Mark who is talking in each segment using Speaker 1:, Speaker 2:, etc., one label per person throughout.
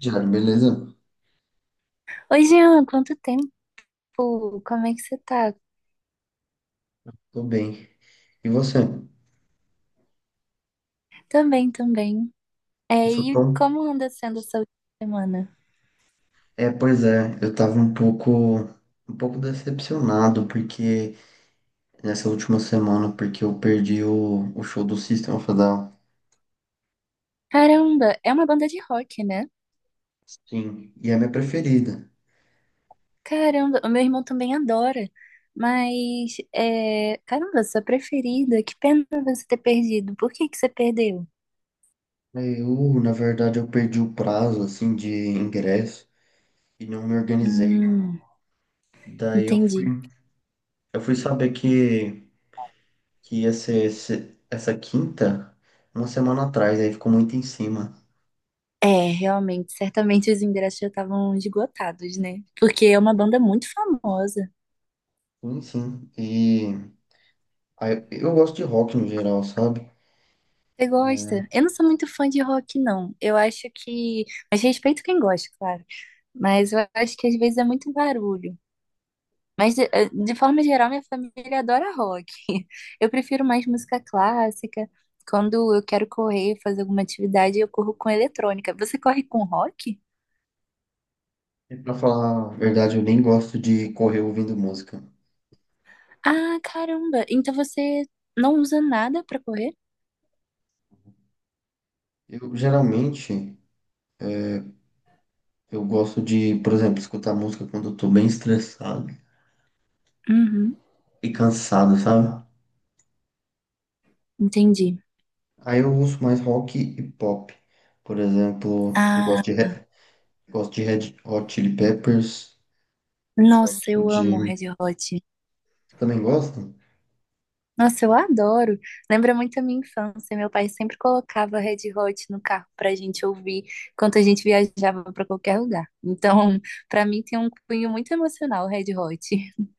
Speaker 1: Diário, beleza?
Speaker 2: Oi, Jean, quanto tempo? Como é que você tá?
Speaker 1: Tô bem. E você?
Speaker 2: Também, também.
Speaker 1: Eu
Speaker 2: É,
Speaker 1: sou
Speaker 2: e
Speaker 1: Tom.
Speaker 2: como anda sendo essa última semana?
Speaker 1: Pois é, eu tava um pouco decepcionado porque nessa última semana, porque eu perdi o show do System of a Down.
Speaker 2: Caramba, é uma banda de rock, né?
Speaker 1: Sim, e é a minha preferida.
Speaker 2: Caramba, o meu irmão também adora. Mas, caramba, sua preferida, que pena você ter perdido. Por que que você perdeu?
Speaker 1: Eu, na verdade, eu perdi o prazo, assim, de ingresso e não me organizei.
Speaker 2: Hum,
Speaker 1: Daí eu fui,
Speaker 2: entendi.
Speaker 1: eu fui saber que ia ser essa quinta, uma semana atrás, aí ficou muito em cima.
Speaker 2: É, realmente, certamente os ingressos já estavam esgotados, né? Porque é uma banda muito famosa.
Speaker 1: Sim, sim. Eu gosto de rock no geral, sabe?
Speaker 2: Você gosta? Eu não sou muito fã de rock, não. Eu acho que. Mas respeito quem gosta, claro. Mas eu acho que às vezes é muito barulho. Mas, de forma geral, minha família adora rock. Eu prefiro mais música clássica. Quando eu quero correr, fazer alguma atividade, eu corro com eletrônica. Você corre com rock?
Speaker 1: E pra falar a verdade, eu nem gosto de correr ouvindo música.
Speaker 2: Ah, caramba! Então você não usa nada pra correr?
Speaker 1: Eu geralmente eu gosto de, por exemplo, escutar música quando eu tô bem estressado
Speaker 2: Uhum,
Speaker 1: e cansado, sabe?
Speaker 2: entendi.
Speaker 1: Aí eu uso mais rock e pop. Por exemplo, eu gosto
Speaker 2: Ah,
Speaker 1: de, Re- gosto de Red Hot Chili Peppers,
Speaker 2: nossa,
Speaker 1: gosto
Speaker 2: eu amo
Speaker 1: de.
Speaker 2: Red Hot.
Speaker 1: Também gosto?
Speaker 2: Nossa, eu adoro. Lembra muito a minha infância. Meu pai sempre colocava Red Hot no carro pra gente ouvir enquanto a gente viajava pra qualquer lugar. Então, pra mim tem um cunho muito emocional, Red Hot.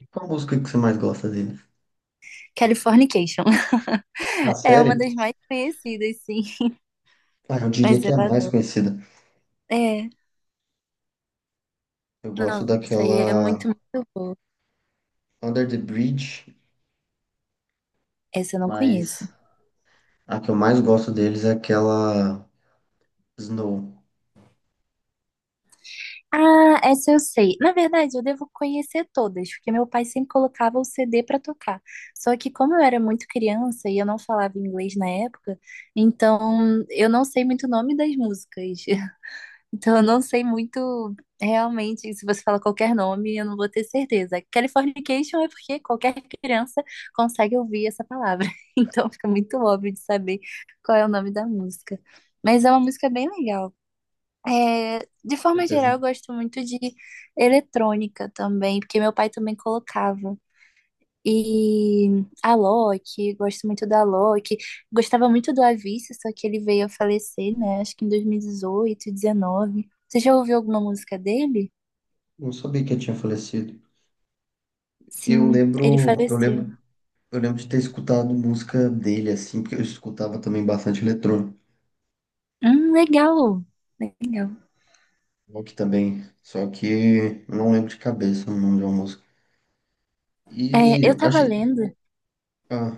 Speaker 1: E qual música que você mais gosta dele?
Speaker 2: Californication.
Speaker 1: A
Speaker 2: É uma
Speaker 1: série?
Speaker 2: das mais conhecidas, sim.
Speaker 1: Ah, eu diria
Speaker 2: Mas
Speaker 1: que
Speaker 2: eu
Speaker 1: é a mais
Speaker 2: adoro.
Speaker 1: conhecida.
Speaker 2: É,
Speaker 1: Eu gosto
Speaker 2: nossa, e é
Speaker 1: daquela
Speaker 2: muito, muito boa.
Speaker 1: Under the Bridge,
Speaker 2: Essa eu não conheço.
Speaker 1: mas a que eu mais gosto deles é aquela Snow.
Speaker 2: Ah, essa eu sei. Na verdade, eu devo conhecer todas, porque meu pai sempre colocava o CD para tocar. Só que como eu era muito criança e eu não falava inglês na época, então eu não sei muito o nome das músicas. Então eu não sei muito realmente, se você fala qualquer nome, eu não vou ter certeza. Californication é porque qualquer criança consegue ouvir essa palavra. Então fica muito óbvio de saber qual é o nome da música. Mas é uma música bem legal. É, de forma geral,
Speaker 1: Certeza.
Speaker 2: eu gosto muito de eletrônica também, porque meu pai também colocava. E a Loki, gosto muito da Loki. Gostava muito do Avicii, só que ele veio a falecer, né? Acho que em 2018, 19. Você já ouviu alguma música dele?
Speaker 1: Não sabia que ele tinha falecido. Eu
Speaker 2: Sim, ele
Speaker 1: lembro, eu
Speaker 2: faleceu.
Speaker 1: lembro, eu lembro de ter escutado música dele assim, porque eu escutava também bastante eletrônico,
Speaker 2: Legal. Legal.
Speaker 1: rock também, só que eu não lembro de cabeça o nome de uma música.
Speaker 2: É,
Speaker 1: E
Speaker 2: eu
Speaker 1: eu
Speaker 2: tava
Speaker 1: achei,
Speaker 2: lendo
Speaker 1: ah,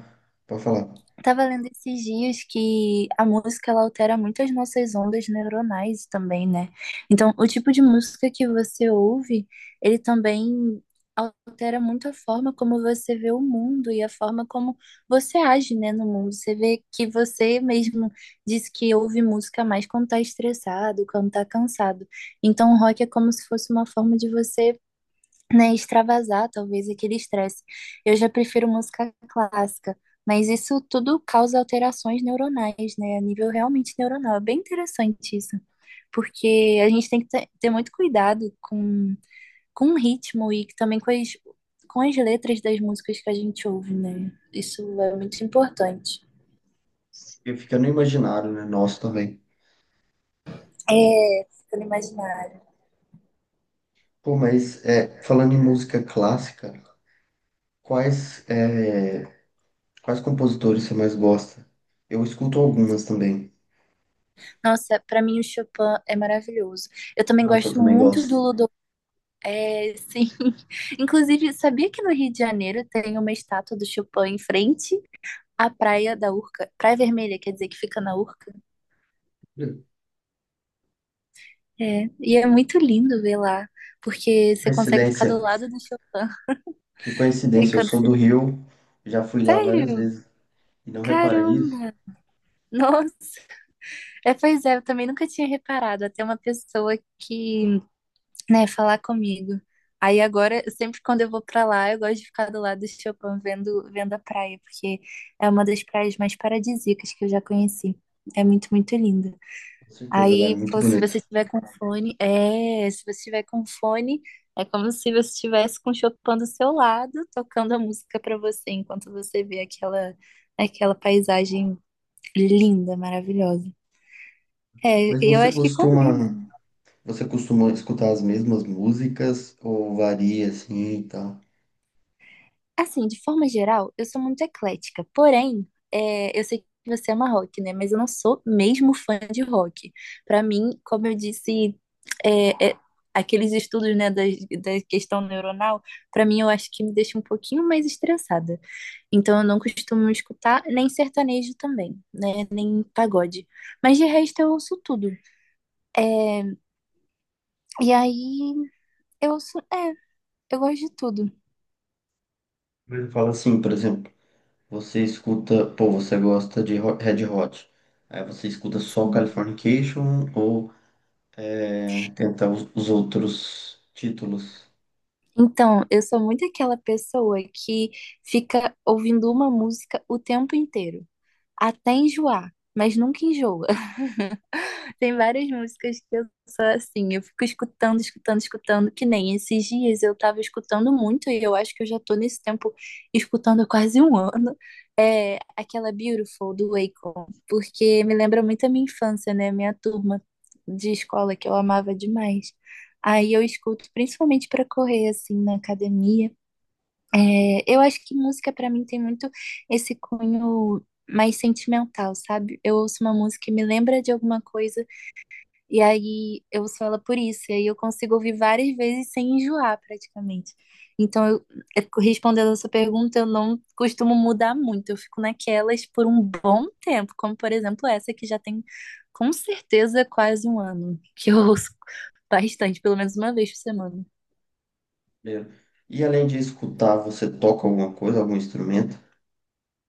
Speaker 1: pode falar.
Speaker 2: Tava lendo esses dias que a música ela altera muito as nossas ondas neuronais também, né? Então, o tipo de música que você ouve, ele também altera muito a forma como você vê o mundo e a forma como você age, né, no mundo. Você vê que você mesmo diz que ouve música mais quando tá estressado, quando tá cansado. Então, o rock é como se fosse uma forma de você né, extravasar talvez aquele estresse. Eu já prefiro música clássica, mas isso tudo causa alterações neuronais, né, a nível realmente neuronal. É bem interessante isso, porque a gente tem que ter muito cuidado com o ritmo e também com as letras das músicas que a gente ouve, né? Isso é muito importante.
Speaker 1: Eu fica no imaginário, né? Nosso também.
Speaker 2: É, ficando imaginário.
Speaker 1: Pô, mas é, falando em música clássica, quais é, quais compositores você mais gosta? Eu escuto algumas também.
Speaker 2: Nossa, para mim o Chopin é maravilhoso. Eu também
Speaker 1: Nossa, eu
Speaker 2: gosto
Speaker 1: também
Speaker 2: muito
Speaker 1: gosto.
Speaker 2: do É, sim. Inclusive, sabia que no Rio de Janeiro tem uma estátua do Chopin em frente à Praia da Urca? Praia Vermelha, quer dizer, que fica na Urca? É. E é muito lindo ver lá, porque você consegue ficar do
Speaker 1: Coincidência.
Speaker 2: lado do Chopin
Speaker 1: Que coincidência, eu
Speaker 2: enquanto
Speaker 1: sou do
Speaker 2: você...
Speaker 1: Rio, já fui lá várias
Speaker 2: Sério?
Speaker 1: vezes e não reparei isso.
Speaker 2: Caramba! Nossa! É, pois é, eu também nunca tinha reparado. Até uma pessoa que né, falar comigo. Aí agora, sempre quando eu vou pra lá, eu gosto de ficar do lado do Chopin vendo a praia, porque é uma das praias mais paradisíacas que eu já conheci. É muito, muito linda.
Speaker 1: Com certeza, lá é
Speaker 2: Aí,
Speaker 1: muito
Speaker 2: pô, se
Speaker 1: bonito.
Speaker 2: você tiver com fone, é, se você tiver com fone, é como se você estivesse com o Chopin do seu lado, tocando a música pra você, enquanto você vê aquela paisagem linda, maravilhosa. É,
Speaker 1: Mas
Speaker 2: eu
Speaker 1: você
Speaker 2: acho que combina.
Speaker 1: costuma, você costuma escutar as mesmas músicas ou varia assim e tal?
Speaker 2: Assim, de forma geral, eu sou muito eclética. Porém, eu sei que você ama rock, né? Mas eu não sou mesmo fã de rock. Pra mim, como eu disse, é, é, aqueles estudos, né, da questão neuronal, pra mim eu acho que me deixa um pouquinho mais estressada. Então eu não costumo escutar nem sertanejo também, né? Nem pagode. Mas de resto eu ouço tudo. E aí eu ouço, é, eu gosto de tudo.
Speaker 1: Mas fala assim, por exemplo, você escuta, pô, você gosta de Red Hot. Aí você escuta só Californication ou é, tenta os outros títulos?
Speaker 2: Então, eu sou muito aquela pessoa que fica ouvindo uma música o tempo inteiro até enjoar, mas nunca enjoa. Tem várias músicas que eu sou assim, eu fico escutando, escutando, escutando, que nem esses dias eu tava escutando muito, e eu acho que eu já tô nesse tempo escutando há quase um ano, é aquela Beautiful do Akon, porque me lembra muito a minha infância, né? Minha turma de escola que eu amava demais. Aí eu escuto principalmente pra correr assim na academia. É, eu acho que música pra mim tem muito esse cunho mais sentimental, sabe? Eu ouço uma música e me lembra de alguma coisa, e aí eu ouço ela por isso, e aí eu consigo ouvir várias vezes sem enjoar praticamente. Então, eu, respondendo a sua pergunta, eu não costumo mudar muito, eu fico naquelas por um bom tempo, como por exemplo essa que já tem com certeza quase um ano, que eu ouço bastante, pelo menos uma vez por semana.
Speaker 1: Primeiro. E além de escutar, você toca alguma coisa, algum instrumento?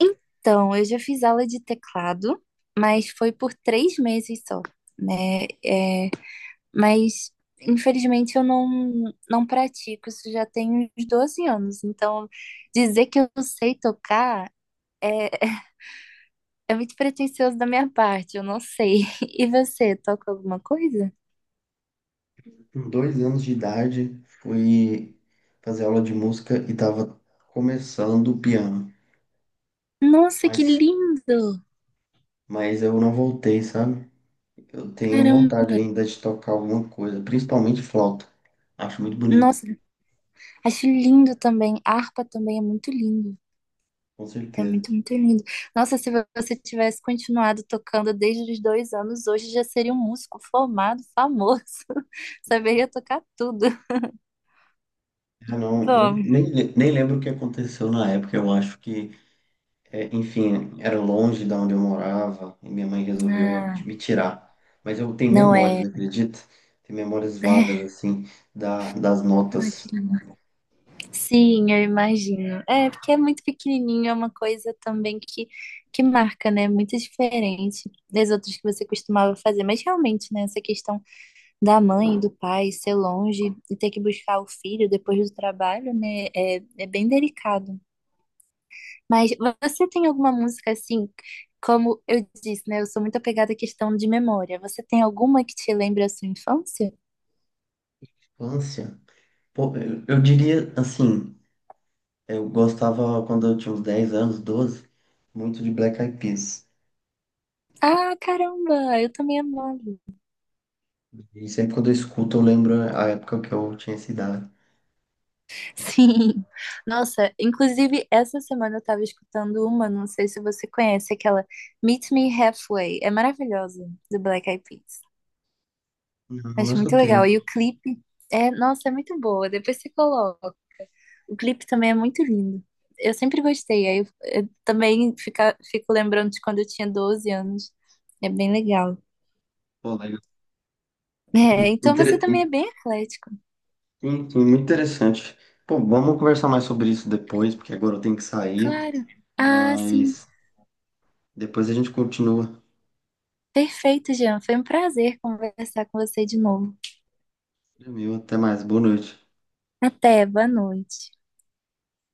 Speaker 2: Então, eu já fiz aula de teclado, mas foi por 3 meses só, né? Mas, infelizmente, eu não pratico, isso já tem uns 12 anos. Então, dizer que eu sei tocar é, é muito pretensioso da minha parte, eu não sei. E você, toca alguma coisa?
Speaker 1: Com 2 anos de idade, fui fazer aula de música e tava começando o piano,
Speaker 2: Nossa, que
Speaker 1: mas,
Speaker 2: lindo!
Speaker 1: mas eu não voltei, sabe? Eu tenho vontade
Speaker 2: Caramba!
Speaker 1: ainda de tocar alguma coisa, principalmente flauta. Acho muito bonito,
Speaker 2: Nossa, acho lindo também. Harpa também é muito lindo.
Speaker 1: com
Speaker 2: É
Speaker 1: certeza.
Speaker 2: muito, muito lindo. Nossa, se você tivesse continuado tocando desde os 2 anos, hoje já seria um músico formado, famoso. Saberia tocar tudo.
Speaker 1: Ah, não, eu
Speaker 2: Bom,
Speaker 1: nem, le- nem lembro o que aconteceu na época, eu acho que é, enfim, era longe da onde eu morava e minha mãe resolveu
Speaker 2: ah,
Speaker 1: me tirar. Mas eu tenho
Speaker 2: não
Speaker 1: memórias,
Speaker 2: é.
Speaker 1: acredita? Tenho memórias vagas,
Speaker 2: É.
Speaker 1: assim, das
Speaker 2: Ai, que
Speaker 1: notas.
Speaker 2: lindo. Sim, eu imagino. É, porque é muito pequenininho, é uma coisa também que marca, né? Muito diferente das outras que você costumava fazer. Mas realmente, né? Essa questão da mãe, e do pai, ser longe e ter que buscar o filho depois do trabalho, né? É bem delicado. Mas você tem alguma música assim, como eu disse, né? Eu sou muito apegada à questão de memória. Você tem alguma que te lembra a sua infância?
Speaker 1: Infância? Pô, eu diria, assim, eu gostava quando eu tinha uns 10 anos, 12, muito de Black Eyed Peas.
Speaker 2: Ah, caramba, eu também amava.
Speaker 1: E sempre quando eu escuto, eu lembro a época que eu tinha essa idade.
Speaker 2: Sim. Nossa, inclusive essa semana eu tava escutando uma, não sei se você conhece, aquela Meet Me Halfway. É maravilhosa, do Black Eyed Peas.
Speaker 1: Não, não
Speaker 2: Acho muito
Speaker 1: escutei.
Speaker 2: legal. E o clipe nossa, é muito boa. Depois você coloca. O clipe também é muito lindo. Eu sempre gostei. Aí eu também fico lembrando de quando eu tinha 12 anos. É bem legal.
Speaker 1: Pô, legal.
Speaker 2: É, então você
Speaker 1: Inter...
Speaker 2: também é
Speaker 1: in-
Speaker 2: bem eclético.
Speaker 1: Muito interessante. Pô, vamos conversar mais sobre isso depois, porque agora eu tenho que sair.
Speaker 2: Claro. Ah, sim.
Speaker 1: Mas depois a gente continua.
Speaker 2: Perfeito, Jean. Foi um prazer conversar com você de novo.
Speaker 1: Meu, até mais. Boa noite.
Speaker 2: Até, boa noite.